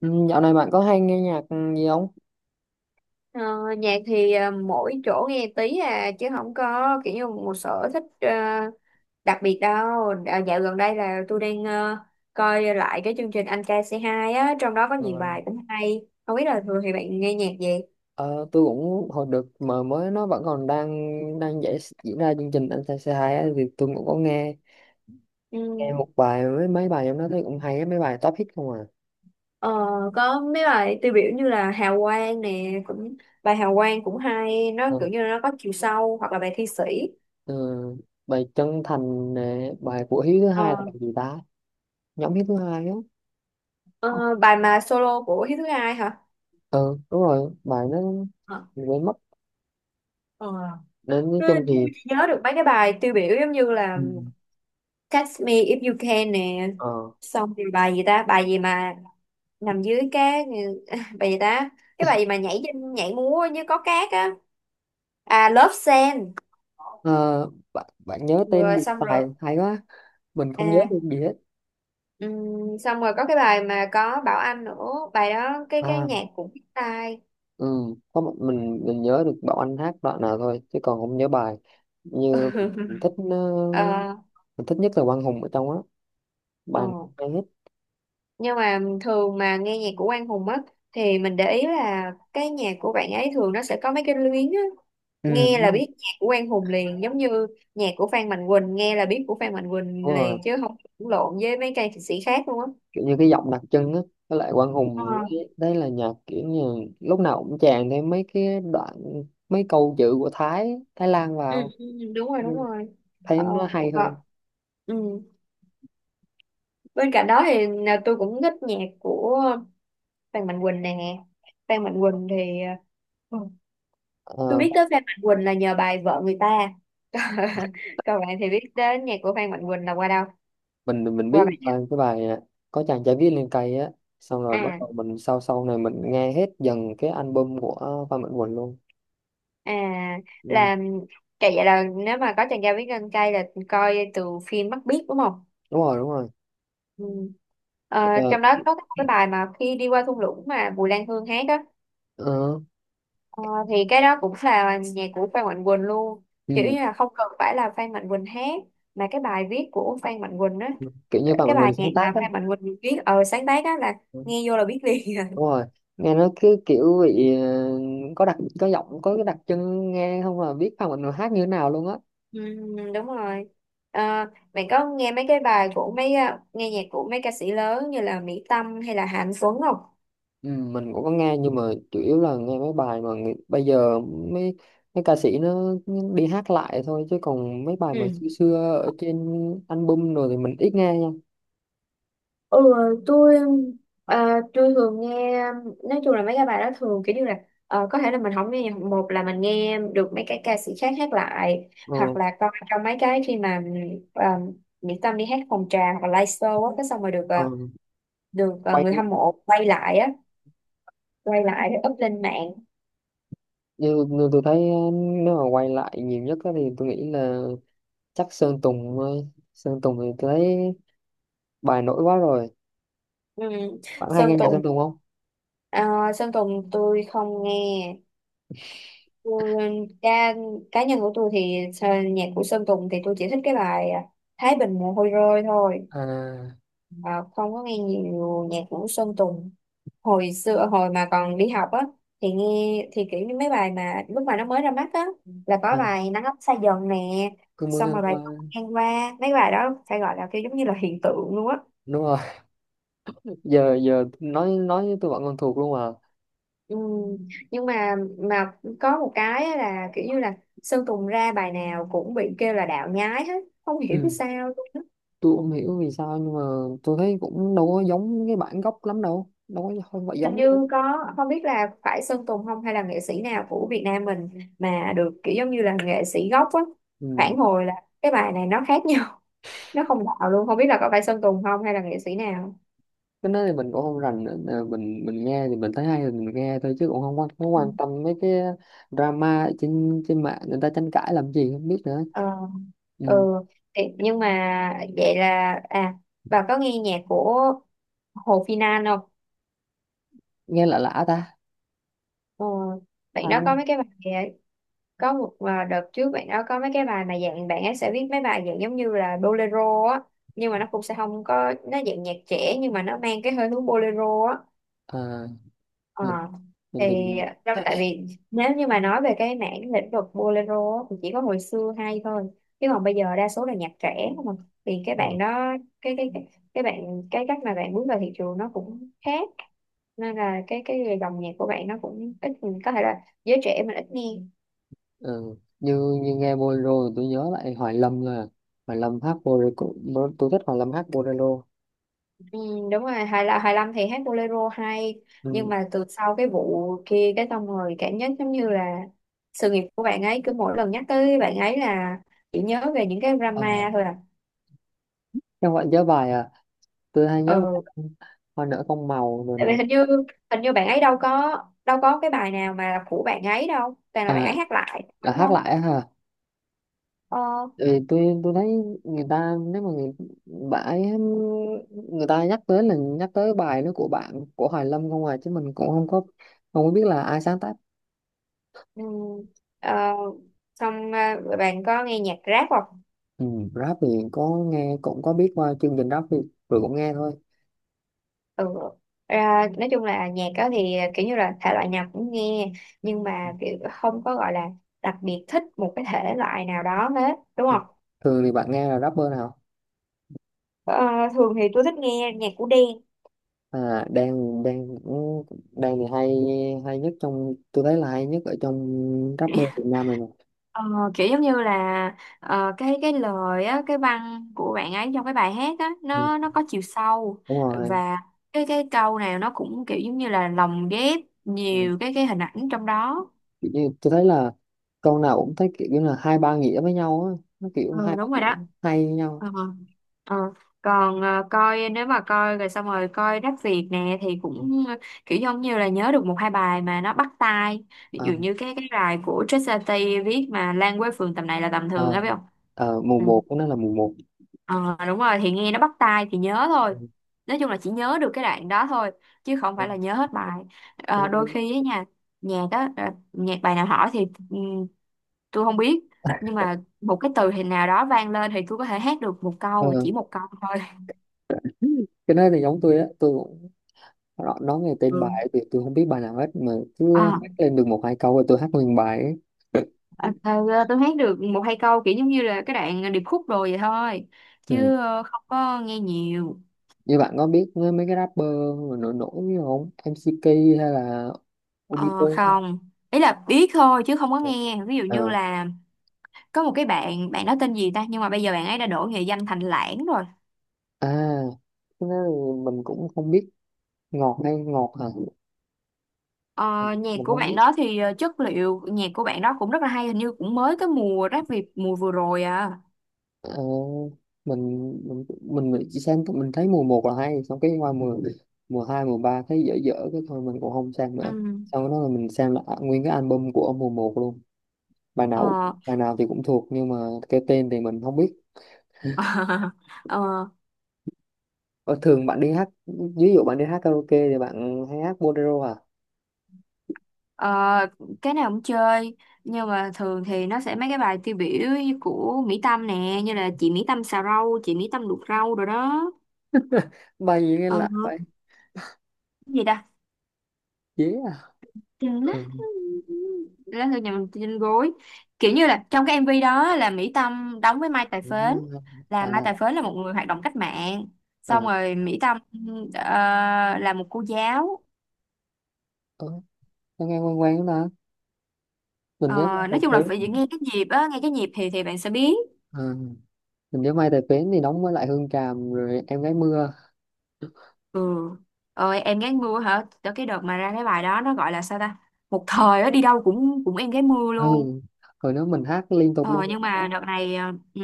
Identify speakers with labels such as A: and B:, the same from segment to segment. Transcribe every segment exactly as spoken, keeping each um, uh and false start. A: Ừ, Dạo này bạn có hay nghe nhạc gì không?
B: Ờ, Nhạc thì ờ, mỗi chỗ nghe tí à chứ không có kiểu như một sở thích ờ, đặc biệt đâu. À, dạo gần đây là tôi đang ờ, coi lại cái chương trình Anh Ca C hai á, trong đó có
A: Ờ,
B: nhiều bài cũng hay. Không biết là thường thì bạn nghe nhạc gì?
A: ờ, tôi cũng hồi được mà mới nó vẫn còn đang đang giải, diễn ra chương trình anh trai c hai á, thì tôi cũng có nghe nghe
B: Ừ.
A: một bài mấy mấy bài trong đó thấy cũng hay á, mấy bài top hit không à.
B: Ờ, có mấy bài tiêu biểu như là Hào Quang nè, cũng bài Hào Quang cũng hay, nó
A: Ờ,
B: kiểu như là nó có chiều sâu hoặc là bài Thi Sĩ.
A: ờ, Bài chân thành nè, bài của Hiếu thứ hai
B: Ờ,
A: là bài gì ta? Nhóm Hiếu thứ hai á.
B: ờ, Bài mà solo của Hiếu Thứ Hai hả?
A: Ừ, đúng rồi, bài nó
B: Ờ.
A: mình quên mất. Nên nói
B: Tôi
A: chung thì
B: tôi chỉ nhớ được mấy cái bài tiêu biểu giống như là
A: ừ.
B: Catch Me If You Can nè,
A: ờ,
B: xong rồi bài gì ta, bài gì mà nằm dưới cát, bài gì ta, cái bài gì mà nhảy trên nhảy múa như có cát á, à Love Sand,
A: ờ, bạn, bạn nhớ tên
B: rồi
A: được
B: xong rồi,
A: tài hay quá, mình không nhớ được
B: à
A: gì hết.
B: ừm, xong rồi có cái bài mà có Bảo Anh nữa, bài đó cái cái
A: À,
B: nhạc cũng biết tai.
A: ừ, có một mình mình nhớ được Bảo Anh hát đoạn nào thôi chứ còn không nhớ bài như mình, mình thích ờ,
B: ờ
A: mình thích nhất là Quang Hùng ở trong á,
B: ờ
A: bài này hay hết.
B: nhưng mà thường mà nghe nhạc của Quang Hùng á thì mình để ý là cái nhạc của bạn ấy thường nó sẽ có mấy cái luyến á,
A: Ừ,
B: nghe
A: đúng
B: là
A: rồi.
B: biết nhạc của Quang Hùng liền, giống như nhạc của Phan Mạnh Quỳnh nghe là biết của Phan Mạnh Quỳnh
A: Đúng rồi,
B: liền chứ không lẫn lộn với mấy ca sĩ khác luôn á.
A: kiểu như cái giọng đặc trưng á, với lại Quang
B: Ờ,
A: Hùng đấy, đấy là nhạc kiểu như lúc nào cũng chèn thêm mấy cái đoạn mấy câu chữ của Thái Thái Lan
B: ừ,
A: vào.
B: ừ, đúng rồi, đúng
A: Ừ,
B: rồi,
A: thấy
B: ờ,
A: nó hay
B: ờ,
A: hơn.
B: ừ. Bên cạnh đó thì là tôi cũng thích nhạc của Phan Mạnh Quỳnh nè. Phan Mạnh Quỳnh thì ờ, ừ, tôi
A: Ờ.
B: biết tới Phan Mạnh Quỳnh là nhờ bài Vợ Người Ta. Còn bạn thì biết đến nhạc của Phan Mạnh Quỳnh là qua đâu?
A: mình mình mình
B: Qua
A: biết
B: bạn.
A: bài cái bài à, có chàng trai viết lên cây á, xong rồi bắt
B: À,
A: đầu mình sau sau này mình nghe hết dần cái album của Phan Mạnh Quỳnh luôn.
B: à
A: Ừ.
B: là cái vậy là nếu mà có chàng trai biết gân cay là coi từ phim Mắt Biếc đúng không?
A: Đúng rồi, đúng rồi.
B: Ừ. Ờ,
A: Ờ,
B: Trong đó có cái bài mà khi đi qua thung lũng mà Bùi Lan Hương hát á.
A: ờ,
B: Ờ, thì cái đó cũng là nhạc của Phan Mạnh Quỳnh luôn, kiểu
A: ừ.
B: như là không cần phải là Phan Mạnh Quỳnh hát mà cái bài viết của Phan Mạnh Quỳnh á,
A: Ừ, kiểu như Phan
B: cái
A: Mạnh
B: bài
A: Quỳnh
B: nhạc
A: sáng
B: mà
A: tác á.
B: Phan Mạnh Quỳnh viết ờ sáng tác á là
A: Ừ,
B: nghe vô là biết liền à.
A: đúng rồi. Nghe nó cứ kiểu bị ờ, có đặc có giọng có cái đặc trưng nghe không là biết Phan Mạnh Quỳnh hát như thế nào luôn á.
B: Ừ, đúng rồi. À, bạn có nghe mấy cái bài của mấy à, nghe nhạc của mấy ca sĩ lớn như là Mỹ Tâm hay là Hà Anh Tuấn không?
A: Ừ, mình cũng có nghe nhưng mà chủ yếu là nghe mấy bài mà người- bây giờ mấy mấy ca sĩ nó đi hát lại thôi chứ còn mấy bài mà
B: Ừ.
A: xưa xưa ở trên album rồi thì mình ít nghe nha.
B: Ừ, tôi à, tôi thường nghe, nói chung là mấy cái bài đó thường kiểu như là ờ, có thể là mình không nghe nhạc, một là mình nghe được mấy cái ca sĩ khác hát lại
A: Ờ,
B: hoặc là coi trong mấy cái khi mà à, Mỹ Tâm đi hát phòng trà hoặc là live show á, cái xong rồi được ờ,
A: ờ.
B: được ờ,
A: Quay
B: người hâm mộ quay lại á, quay lại rồi up lên mạng.
A: như, như tôi thấy ờ, nếu mà quay lại nhiều nhất á thì tôi nghĩ là chắc Sơn Tùng thôi. Sơn Tùng thì tôi thấy bài nổi quá rồi,
B: Ừ.
A: bạn hay
B: Sơn
A: nghe nhạc
B: Tùng.
A: Sơn Tùng không?
B: Ờ, Sơn Tùng tôi không nghe. tôi, cá, Cá nhân của tôi thì ờ, nhạc của Sơn Tùng thì tôi chỉ thích cái bài à, Thái Bình mồ hôi rơi thôi.
A: À,
B: Ờ, Không có nghe nhiều nhạc của Sơn Tùng. Hồi xưa hồi mà còn đi học á thì nghe thì kiểu như mấy bài mà lúc mà nó mới ra mắt á, là có
A: à,
B: bài nắng ấm xa dần nè,
A: cứ mưa
B: xong
A: ngang
B: rồi bài
A: qua.
B: con ngang qua, mấy bài đó phải gọi là kiểu giống như là hiện tượng luôn á.
A: Đúng rồi. giờ giờ nói nói với tôi bạn còn thuộc luôn à.
B: Ừ. Nhưng mà mà có một cái á là kiểu như là Sơn Tùng ra bài nào cũng bị kêu là đạo nhái hết, không hiểu
A: Ừ.
B: sao luôn á.
A: Tôi không hiểu vì sao nhưng mà tôi thấy cũng đâu có giống cái bản gốc lắm, đâu đâu có, không phải
B: Hình
A: giống đâu.
B: như có, không biết là phải Sơn Tùng không hay là nghệ sĩ nào của Việt Nam mình mà được kiểu giống như là nghệ sĩ gốc á
A: Ừ.
B: phản hồi là cái bài này nó khác nhau, nó không đạo luôn, không biết là có phải Sơn Tùng không hay là nghệ sĩ nào.
A: Cái đó thì mình cũng không rành nữa. Ờ, mình mình nghe thì mình thấy hay thì mình nghe thôi chứ cũng không quan, không quan tâm mấy cái drama ở trên trên mạng người ta tranh cãi làm gì không biết nữa.
B: ờ
A: Ừ.
B: ừ thì, nhưng mà vậy là à bà có nghe nhạc của Hồ Phi Nan không?
A: Nghe lạ lạ ta.
B: Ờ,
A: À,
B: Bạn đó có mấy cái bài. Có một à, đợt trước bạn đó có mấy cái bài mà dạng bạn ấy sẽ viết mấy bài dạng giống như là bolero á, nhưng mà nó cũng sẽ không có, nó dạng nhạc trẻ nhưng mà nó mang cái hơi hướng bolero á.
A: à,
B: Ờ,
A: mình, mình tìm.
B: thì trong, tại vì nếu như mà nói về cái mảng lĩnh vực bolero á, thì chỉ có hồi xưa hay thôi chứ còn bây giờ đa số là nhạc trẻ không à. Thì cái
A: Ừ.
B: bạn đó, cái cái cái cái bạn, cái cách mà bạn bước vào thị trường nó cũng khác, nên là cái cái dòng nhạc của bạn nó cũng ít, có thể là giới trẻ mình ít nghe.
A: Ừ. Như như nghe bolero thì tôi nhớ lại Hoài Lâm là Hoài Lâm hát bolero cũng- tôi thích Hoài Lâm hát bolero.
B: Ừ, đúng rồi, hai là hai lăm thì hát bolero hay. Nhưng
A: Ừ.
B: mà từ sau cái vụ kia cái, xong rồi cảm giác giống như là sự nghiệp của bạn ấy cứ mỗi lần nhắc tới bạn ấy là chỉ nhớ về những cái
A: À,
B: drama thôi à.
A: các bạn nhớ bài à, tôi hay nhớ bài
B: Ừ,
A: hoa nở con màu rồi
B: tại vì
A: nè.
B: hình như hình như bạn ấy đâu có đâu có cái bài nào mà là của bạn ấy đâu, toàn là bạn
A: À,
B: ấy hát lại
A: là
B: đúng
A: hát
B: không?
A: lại á hả?
B: ờ,
A: Thì tôi tôi thấy người ta nếu mà người bãi, người ta nhắc tới là nhắc tới bài nó của bạn của Hoài Lâm không à, chứ mình cũng không có không có biết là ai sáng tác.
B: ừ, ờ, Xong à, bạn có nghe nhạc rap không?
A: Ừ, rap thì có nghe cũng có biết qua chương trình rap thì rồi cũng nghe thôi.
B: ừ Ra nói chung là nhạc đó thì à, kiểu như là thể loại nào cũng nghe, nhưng mà kiểu không có gọi là đặc biệt thích một cái thể loại nào đó hết đúng
A: Thường
B: không?
A: thường thì bạn nghe là rapper nào?
B: Ờ, Thường thì tôi thích nghe nhạc của Đen.
A: À, đang đang đang thì hay hay nhất trong, tôi thấy là hay nhất ở trong rapper Việt Nam này mà.
B: Ờ, Kiểu giống như là ờ, cái cái lời á, cái văn của bạn ấy trong cái bài hát á,
A: Ừ,
B: nó nó có chiều sâu
A: đúng rồi.
B: và cái cái câu nào nó cũng kiểu giống như là lồng ghép
A: Ừ.
B: nhiều cái cái hình ảnh trong đó.
A: Kiểu như tôi thấy là câu nào cũng thấy kiểu như là hai ba nghĩa với nhau á, nó kiểu hai
B: Ừ
A: ba
B: đúng rồi
A: nghĩa
B: đó.
A: hay với nhau.
B: ờ ờ Còn ờ, coi, nếu mà coi rồi xong rồi coi Rap Việt nè thì
A: Ừ.
B: cũng ờ, kiểu giống như là nhớ được một hai bài mà nó bắt tai, ví
A: Ờ,
B: dụ như cái cái bài của Trisha Tây viết mà Lan quê phường tầm này là tầm thường á
A: ờ,
B: biết không.
A: ờ, mùa
B: Ừ.
A: một của nó là mùa một.
B: Ờ Đúng rồi, thì nghe nó bắt tai thì nhớ
A: Ừ.
B: thôi. Nói chung là chỉ nhớ được cái đoạn đó thôi chứ không
A: Ừ.
B: phải là nhớ hết bài. Ờ, đôi
A: Ừ.
B: khi á nha, nhạc á ờ, nhạc bài nào hỏi thì ừm, tôi không biết. Nhưng mà một cái từ hình nào đó vang lên thì tôi có thể hát được một
A: Ờ,
B: câu và chỉ một câu thôi.
A: cái đó là giống tôi á, tôi cũng nó- nói nghe tên
B: Ừ.
A: bài thì tôi không biết bài nào hết mà cứ
B: Ờ,
A: hát lên được một hai câu rồi tôi hát nguyên bài ấy.
B: ờ, ờ, tôi hát được một hai câu kiểu giống như là cái đoạn điệp khúc rồi vậy thôi,
A: Ừ.
B: chứ ờ, không có nghe nhiều.
A: Như bạn có biết mấy mấy cái rapper mà nổi nổi như không em see kay hay là Obito.
B: Ờ, không, ý là biết thôi chứ không có
A: Ừ.
B: nghe, ví dụ như
A: Ờ.
B: là có một cái bạn bạn đó tên gì ta, nhưng mà bây giờ bạn ấy đã đổi nghệ danh thành Lãng rồi.
A: À, cái đó thì mình cũng không biết. Ngọt hay ngọt hả?
B: ờ, Nhạc
A: Mình
B: của
A: không
B: bạn
A: biết.
B: đó thì ờ, chất liệu nhạc của bạn đó cũng rất là hay, hình như cũng mới cái mùa Rap Việt mùa vừa rồi à.
A: Ờ, mình mình mình nghĩ chỉ sang mình thấy mùa một là hay xong cái qua mùa mùa hai mùa ba thấy dở dở cái thôi mình cũng không sang
B: Ừ.
A: nữa. Sau đó là mình sang lại nguyên cái album của mùa một luôn. bài nào
B: ờ,
A: bài nào thì cũng thuộc nhưng mà cái tên thì mình không biết.
B: ờ,
A: Ờ, thường bạn đi hát, ví dụ bạn đi hát karaoke thì bạn hay hát bolero à?
B: ờ, cái nào cũng chơi, nhưng mà thường thì nó sẽ mấy cái bài tiêu biểu như của Mỹ Tâm nè, như là chị Mỹ Tâm xào rau, chị Mỹ Tâm luộc rau rồi đó.
A: Bài gì nghe
B: ờ,
A: lạ vậy?
B: cái gì ta,
A: Dễ à.
B: Trên
A: Ừ.
B: lát lá thư nhà mình trên gối, kiểu như là trong cái em vê đó là Mỹ Tâm đóng với Mai Tài Phến, là Mai
A: À.
B: Tài Phến là một người hoạt động cách mạng, xong
A: Ừ.
B: rồi Mỹ Tâm ờ, là một cô giáo.
A: Ờ, nó nghe quen quen đó ta, mình
B: Ờ,
A: nhớ
B: nói chung là
A: bài.
B: phải nghe cái nhịp á, nghe cái nhịp thì thì bạn sẽ biết.
A: Phế, mình nhớ Mai Tài Phến thì đóng với lại Hương Tràm rồi Em Gái Mưa.
B: Ừ, ơi em gái mưa hả, tới cái đợt mà ra cái bài đó nó gọi là sao ta, một thời á đi đâu cũng cũng em gái mưa
A: Ừ.
B: luôn.
A: Rồi nếu mình hát liên tục luôn
B: Ờ, nhưng
A: là hát.
B: mà đợt này ờ, ừ.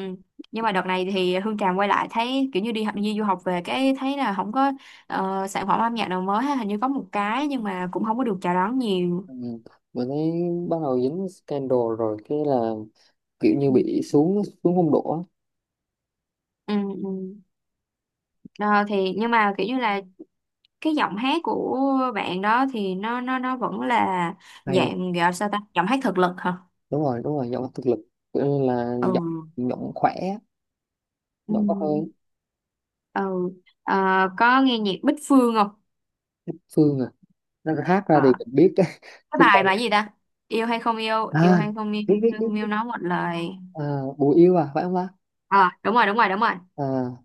B: nhưng mà đợt này thì Hương Tràm quay lại thấy kiểu như đi học đi du học về, cái thấy là không có ờ, sản phẩm âm nhạc nào mới ha, hình như có một cái nhưng mà cũng không có được chào đón nhiều.
A: Ừ. Mình thấy bắt đầu dính scandal rồi cái là kiểu như bị xuống xuống phong độ á.
B: Ừ, ừ. Đó, thì nhưng mà kiểu như là cái giọng hát của bạn đó thì nó nó nó vẫn là
A: Hay,
B: dạng gọi sao ta, giọng hát thực lực hả.
A: đúng rồi đúng rồi giọng thực lực, kiểu như là
B: Ừ,
A: giọng giọng khỏe,
B: ừ,
A: giọng có hơi.
B: ừ. Ờ, có nghe nhạc Bích Phương không?
A: Phương à, nó hát ra
B: Ờ,
A: thì mình biết.
B: cái
A: Chứ
B: bài
A: còn
B: bài gì ta, yêu hay không yêu, yêu
A: à,
B: hay không yêu,
A: biết
B: yêu,
A: biết biết
B: không yêu
A: biết.
B: nói một lời.
A: À, Bùi Yêu à phải không ta?
B: Ờ, đúng rồi, đúng rồi, đúng rồi.
A: À,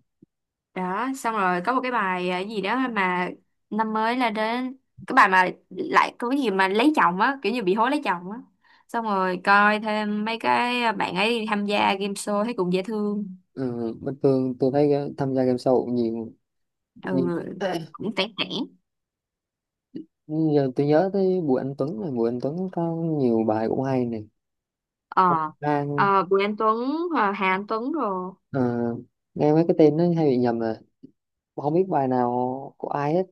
B: Đó, xong rồi có một cái bài ờ, gì đó mà năm mới là đến, cái bài mà lại có cái gì mà lấy chồng á, kiểu như bị hối lấy chồng á. Xong rồi coi thêm mấy cái ờ, bạn ấy tham gia game show thấy cũng dễ thương.
A: ừ, bình thường tôi thấy tham gia game show nhiều
B: Ừ,
A: nhiều
B: cũng tẻ tẻ.
A: Nhưng giờ tôi nhớ tới Bùi Anh Tuấn này, Bùi Anh Tuấn có nhiều bài cũng hay này. Ông
B: Ờ,
A: Lan.
B: ờ Bùi Anh Tuấn, Hà Hà Anh Tuấn rồi.
A: Ờ, nghe mấy cái tên nó hay bị nhầm à, không biết bài nào của ai hết.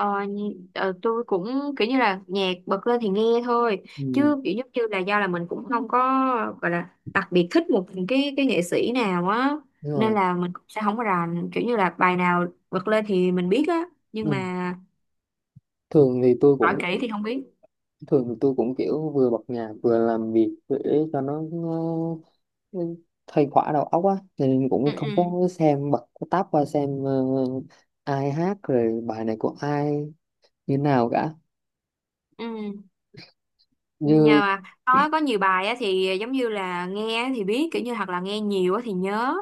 B: Ờ, nhi- ờ, tôi cũng kiểu như là nhạc bật lên thì nghe thôi,
A: Ừ,
B: chứ kiểu giống như là do là mình cũng không có gọi là đặc biệt thích một cái cái nghệ sĩ nào á,
A: đúng
B: nên
A: rồi.
B: là mình cũng sẽ không có rành kiểu như là bài nào bật lên thì mình biết á, nhưng
A: Ừ.
B: mà
A: thường thì tôi
B: hỏi
A: cũng
B: kỹ thì không biết.
A: thường thì tôi cũng kiểu vừa bật nhạc vừa làm việc để cho nó, nó nó khuây khỏa đầu óc á. Cho nên
B: Ừ,
A: cũng không
B: ừ,
A: có xem bật cái tab qua xem ờ, ai hát rồi bài này của ai như nào cả.
B: ừ, nhờ
A: Như
B: mà có có nhiều bài á thì giống như là nghe á thì biết, kiểu như hoặc là nghe nhiều á thì nhớ.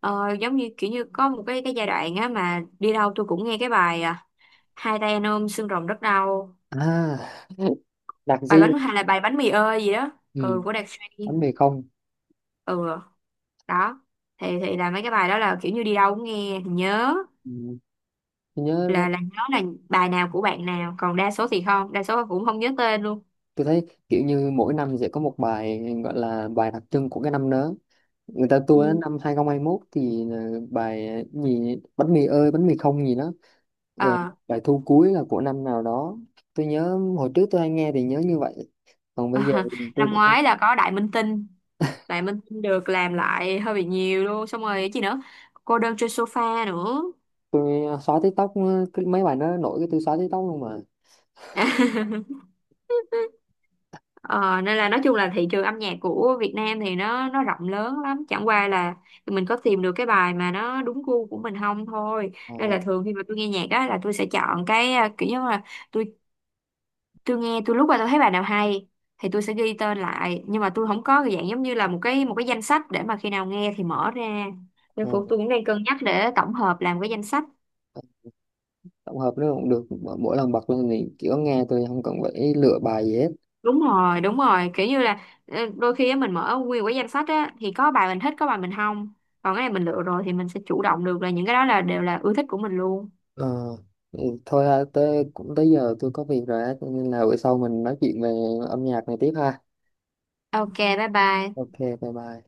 B: ờ, Giống như kiểu như có một cái cái giai đoạn á mà đi đâu tôi cũng nghe cái bài à, hai tay anh ôm xương rồng rất đau.
A: à. Đặc
B: Bài
A: di.
B: bánh hay là bài bánh mì ơi gì đó, ừ,
A: Ừ.
B: của Đạt Suy.
A: Bánh mì không.
B: Ừ đó, thì thì là mấy cái bài đó là kiểu như đi đâu cũng nghe thì nhớ,
A: Ừ, tôi nhớ quá.
B: là là nhớ là bài nào của bạn nào, còn đa số thì không, đa số cũng không nhớ tên luôn.
A: Tôi thấy kiểu như mỗi năm sẽ có một bài gọi là bài đặc trưng của cái năm đó, người ta tua đến
B: Ừ.
A: năm hai không hai mốt thì là bài gì bánh mì ơi bánh mì không gì đó. Rồi
B: ờ
A: bài thu cuối là của năm nào đó, tôi nhớ hồi trước tôi hay nghe thì nhớ như vậy, còn bây giờ thì tôi
B: Năm
A: cũng không-
B: ngoái là có Đại Minh Tinh, Đại Minh Tinh được làm lại hơi bị nhiều luôn, xong rồi cái gì nữa, cô đơn trên sofa nữa.
A: tôi xóa TikTok, cái mấy bài nó nổi cái tôi xóa TikTok luôn mà.
B: Ờ, Nên là nói chung là thị trường âm nhạc của Việt Nam thì nó nó rộng lớn lắm, chẳng qua là mình có tìm được cái bài mà nó đúng gu của mình không thôi.
A: Ờ,
B: Nên là thường khi mà tôi nghe nhạc đó là tôi sẽ chọn cái à, kiểu như là tôi tôi nghe tôi lúc mà tôi thấy bài nào hay thì tôi sẽ ghi tên lại, nhưng mà tôi không có cái dạng giống như là một cái một cái danh sách để mà khi nào nghe thì mở ra,
A: ờ,
B: nên cũng tôi cũng đang cân nhắc để tổng hợp làm cái danh sách.
A: tổng hợp nó cũng được, mỗi mỗi lần bật lên thì kiểu nghe tôi không cần phải lựa bài gì hết.
B: Đúng rồi, đúng rồi, kiểu như là ờ, đôi khi á, mình mở nguyên một cái danh sách á thì có bài mình thích, có bài mình không, còn cái này mình lựa rồi thì mình sẽ chủ động được là những cái đó là đều là ưa thích của mình luôn.
A: Ờ, ừ, thôi ha, tới cũng tới giờ tôi có việc rồi á, cho nên là bữa sau mình nói chuyện về âm nhạc này tiếp ha.
B: OK, bye bye.
A: Ok, bye bye.